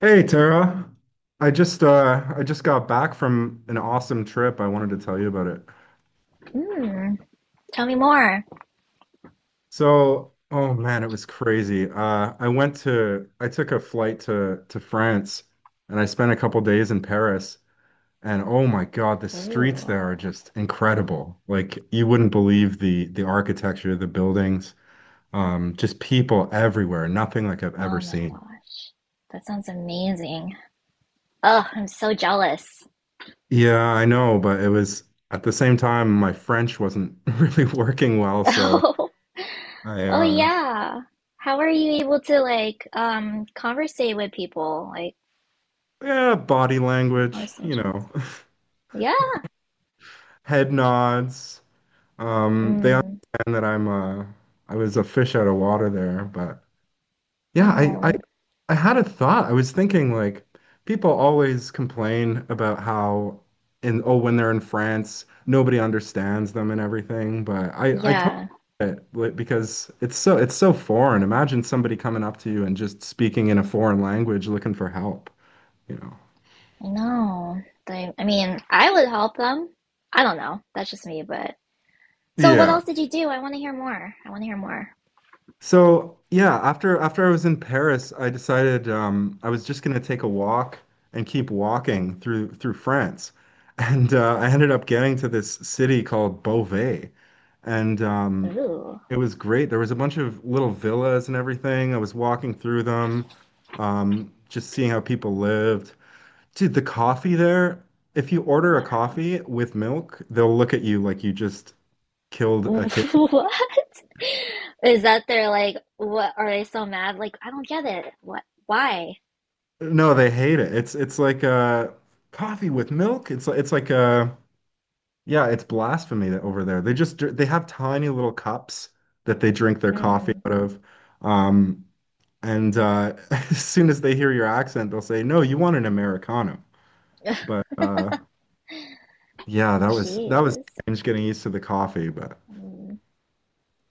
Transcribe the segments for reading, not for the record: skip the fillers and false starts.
Hey Tara, I just got back from an awesome trip. I wanted to tell you about it. Mm, tell me more. So, oh man, it was crazy. I took a flight to France, and I spent a couple days in Paris. And oh my God, the streets Ooh, there are just incredible. Like, you wouldn't believe the architecture, the buildings, just people everywhere, nothing like I've ever oh my seen. gosh. That sounds amazing. Oh, I'm so jealous. Yeah, I know, but it was, at the same time, my French wasn't really working well, so Oh, I oh yeah. How are you able to like conversate with people? Like yeah, body language, conversations. Yeah. head nods. They Mm. understand that I was a fish out of water there, but yeah, I I Oh, I had a thought. I was thinking, like, people always complain about how in oh when they're in France, nobody understands them and everything, but I totally yeah. get it, like, because it's so foreign. Imagine somebody coming up to you and just speaking in a foreign language looking for help, you know. I know. They, I mean, I would help them. I don't know. That's just me, but so what else did you do? I want to hear more. I want to hear more. So yeah, after I was in Paris, I decided, I was just going to take a walk and keep walking through France, and I ended up getting to this city called Beauvais. And Ooh, it was great. There was a bunch of little villas and everything. I was walking through them, just seeing how people lived. Dude, the coffee there, if you order a wow. coffee with milk, they'll look at you like you just killed a kid. What? Is that they're like, what are they so mad? Like, I don't get it. What? Why? No, they hate it. It's like coffee with milk. It's like yeah, it's blasphemy that over there. They just they have tiny little cups that they drink their coffee Mm. out of. Um and as soon as they hear your accent, they'll say, "No, you want an Americano." But yeah, that was Jeez. strange getting used to the coffee. But Mm.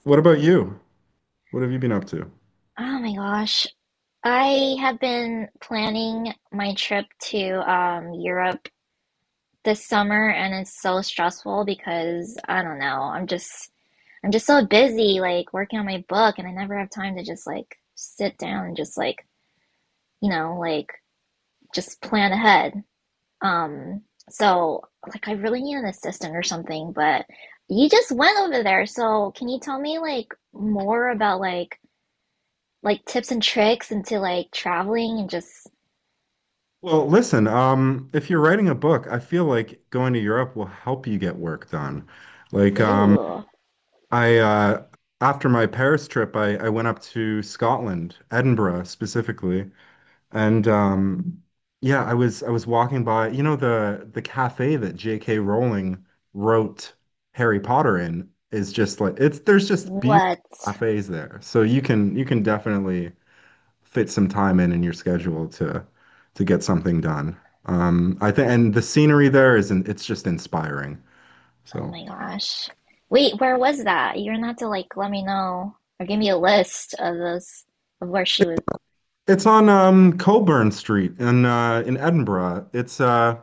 what about you? What have you been up to? Oh my gosh. I have been planning my trip to Europe this summer, and it's so stressful because I don't know. I'm just so busy like working on my book, and I never have time to just like sit down and just like, you know, like just plan ahead. Um, so like I really need an assistant or something, but you just went over there, so can you tell me like more about like tips and tricks into like traveling and just Well, listen, if you're writing a book, I feel like going to Europe will help you get work done. Like, ooh, I after my Paris trip, I went up to Scotland, Edinburgh specifically. And yeah, I was walking by, the cafe that J.K. Rowling wrote Harry Potter in, is just like, it's there's just beautiful what? cafes there. So you can definitely fit some time in your schedule to get something done. I think, and the scenery there is it's just inspiring. Oh So, my gosh. Wait, where was that? You're gonna have to like let me know or give me a list of those of where she was. it's on, Coburn Street in Edinburgh. It's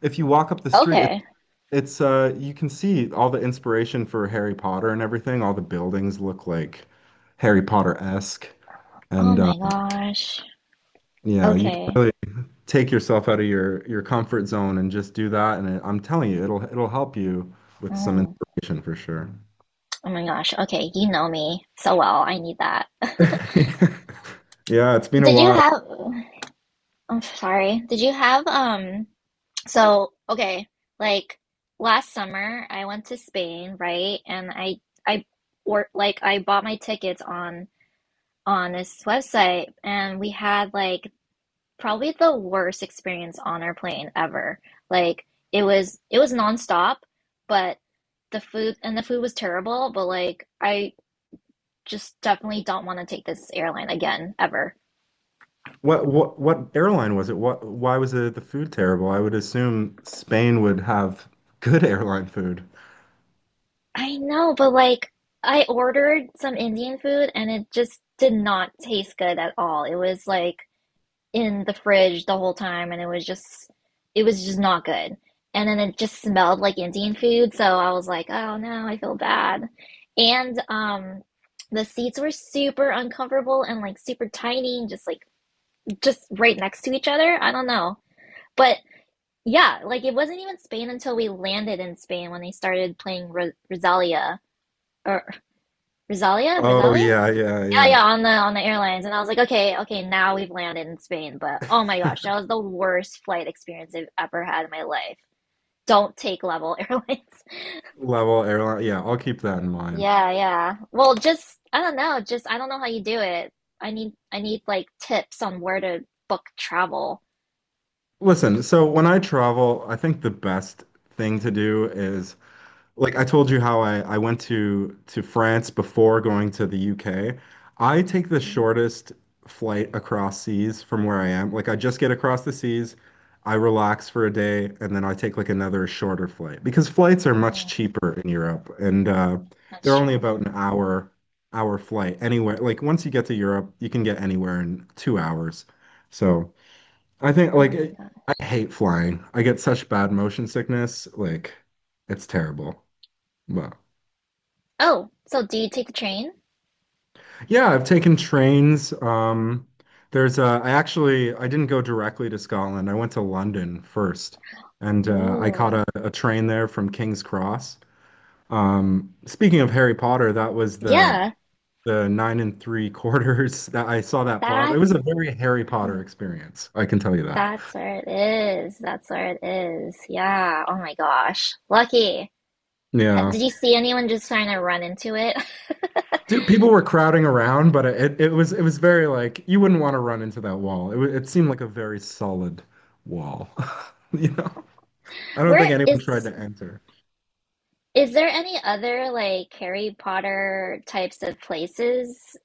if you walk up the street, it, Okay. it's you can see all the inspiration for Harry Potter and everything. All the buildings look like Harry Potter-esque, Oh and my gosh. yeah, you can Okay. really take yourself out of your comfort zone and just do that. And I'm telling you, it'll help you with some Mm. inspiration for sure. Oh my gosh. Okay, you know me so well. I need that. Yeah, it's been a Did you while. have? I'm sorry. Did you have so okay, like last summer I went to Spain, right? And I or like I bought my tickets on this website, and we had like probably the worst experience on our plane ever. Like it was nonstop, but the food and the food was terrible, but like I just definitely don't want to take this airline again ever. What airline was it? What why was the food terrible? I would assume Spain would have good airline food. I know, but like I ordered some Indian food, and it just did not taste good at all. It was like in the fridge the whole time, and it was just not good. And then it just smelled like Indian food, so I was like, "Oh no, I feel bad." And the seats were super uncomfortable and like super tiny and just like just right next to each other. I don't know. But yeah, like it wasn't even Spain until we landed in Spain when they started playing Ro Rosalia or Rosalia? Oh Rosalia? yeah, yeah, Yeah, yeah, yeah. On the airlines. And I was like, okay, okay, now we've landed in Spain. But oh my gosh, that was the worst flight experience I've ever had in my life. Don't take Level Airlines. Level airline. Yeah, I'll keep that in mind. Yeah, yeah. Well, just I don't know, just I don't know how you do it. I need like tips on where to book travel. Listen, so when I travel, I think the best thing to do is, like I told you how I went to France before going to the UK. I take the Mm, shortest flight across seas from where I am. Like, I just get across the seas, I relax for a day, and then I take, like, another shorter flight, because flights are much mm, cheaper in Europe, and that's they're only true. about an hour flight anywhere. Like, once you get to Europe, you can get anywhere in 2 hours. So, I think, Oh my like, God. I hate flying. I get such bad motion sickness. Like, it's terrible. Wow. Oh, so do you take the train? Yeah, I've taken trains. There's I actually I didn't go directly to Scotland. I went to London first, and I caught a, Ooh. a train there from King's Cross. Speaking of Harry Potter, that was the Yeah, the nine and three quarters that I saw, that plop. It was that's a very Harry Potter experience, I can tell you that. that's where it is. That's where it is. Yeah. Oh my gosh. Lucky. Ha- Yeah. Did you see anyone just trying to run into it? Dude, people were crowding around, but it was very, like, you wouldn't want to run into that wall. It seemed like a very solid wall, you know? I don't think Where anyone tried to enter. is there any other like Harry Potter types of places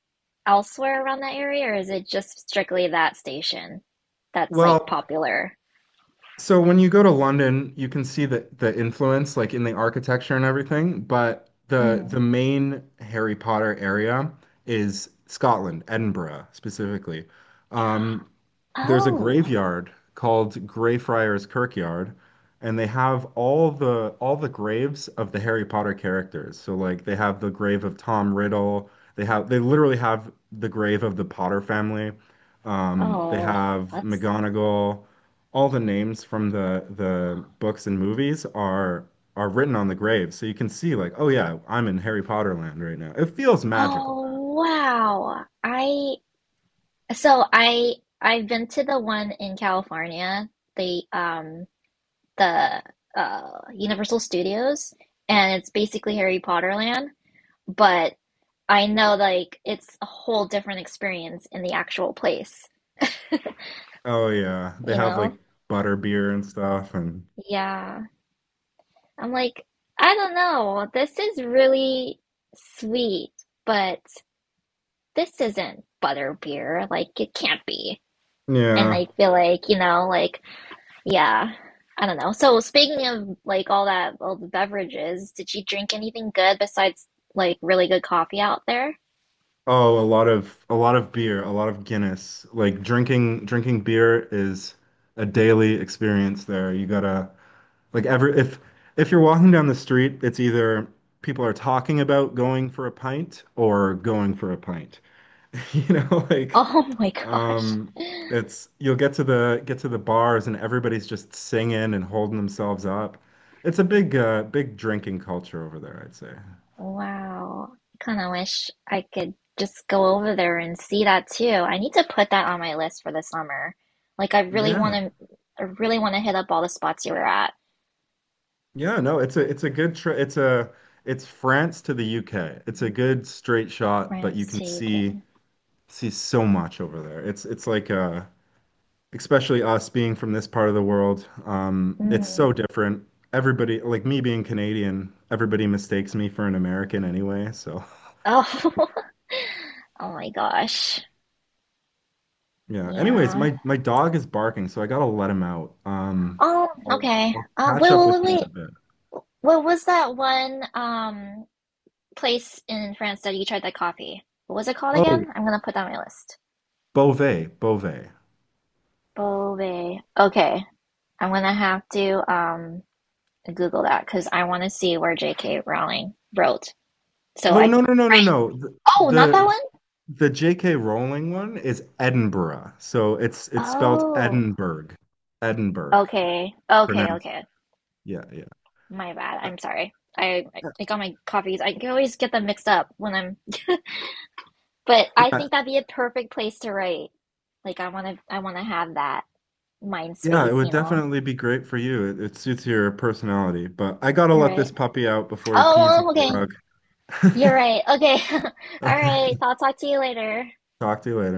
elsewhere around that area, or is it just strictly that station that's like Well, popular? so when you go to London, you can see the influence, like, in the architecture and everything, but the Mhm. the main Harry Potter area is Scotland, Edinburgh specifically. Um, there's a Oh. graveyard called Greyfriars Kirkyard, and they have all the graves of the Harry Potter characters. So, like, they have the grave of Tom Riddle. They literally have the grave of the Potter family. They Oh, have that's McGonagall. All the names from the books and movies are written on the grave. So you can see, like, oh yeah, I'm in Harry Potter land right now. It feels magical. Oh, wow. I So I I've been to the one in California, the um the Universal Studios, and it's basically Harry Potter land, but I know like it's a whole different experience in the actual place, Oh yeah, they you have know? like butterbeer and stuff, and Yeah. I'm like, I don't know. This is really sweet, but this isn't butterbeer. Like it can't be. And yeah. I feel like, you know, like yeah. I don't know. So speaking of like all that, all the beverages, did you drink anything good besides like really good coffee out there? Oh, a lot of beer, a lot of Guinness. Like, drinking beer is a daily experience there. You gotta, like, every if you're walking down the street, it's either people are talking about going for a pint or going for a pint. You know, like, Oh my gosh. um it's you'll get to the bars, and everybody's just singing and holding themselves up. It's a big drinking culture over there, I'd say. Wow. Kind of wish I could just go over there and see that too. I need to put that on my list for the summer. Like I really want Yeah. to, I really want to hit up all the spots you were at. Yeah, no, it's a good tra it's a it's France to the UK. It's a good straight shot, but you France can to UK. see so much over there. It's like, especially us being from this part of the world, it's Mm. so different. Everybody, like, me being Canadian, everybody mistakes me for an American anyway, so Oh, oh my gosh. yeah. Anyways, Yeah. my dog is barking, so I gotta let him out. Oh, I'll, okay. I'll catch Wait, up wait, with wait, you in wait. a bit. What was that one place in France that you tried that coffee? What was it called Oh, again? I'm gonna put that on my list. Beauvais, Beauvais. Beauvais. Okay, I'm gonna have to Google that because I want to see where J.K. Rowling wrote. So Oh, I. no no no no no. The, Oh, not that the one. The J.K. Rowling one is Edinburgh. So it's spelled Oh. Edinburgh. Edinburgh. Okay. Okay. Pronounced. Okay. Yeah, yeah. My bad. Uh, I'm sorry. I uh, I got my coffees. I can always get them mixed up when I'm. But I yeah, think that'd be a perfect place to write. Like I want to. I want to have that mind yeah, it space. would You know. definitely be great for you. It suits your personality, but I gotta let Right. this puppy out before he pees on Oh, my okay. rug. You're right. Okay. All Okay. right. I'll talk to you later. Talk to you later.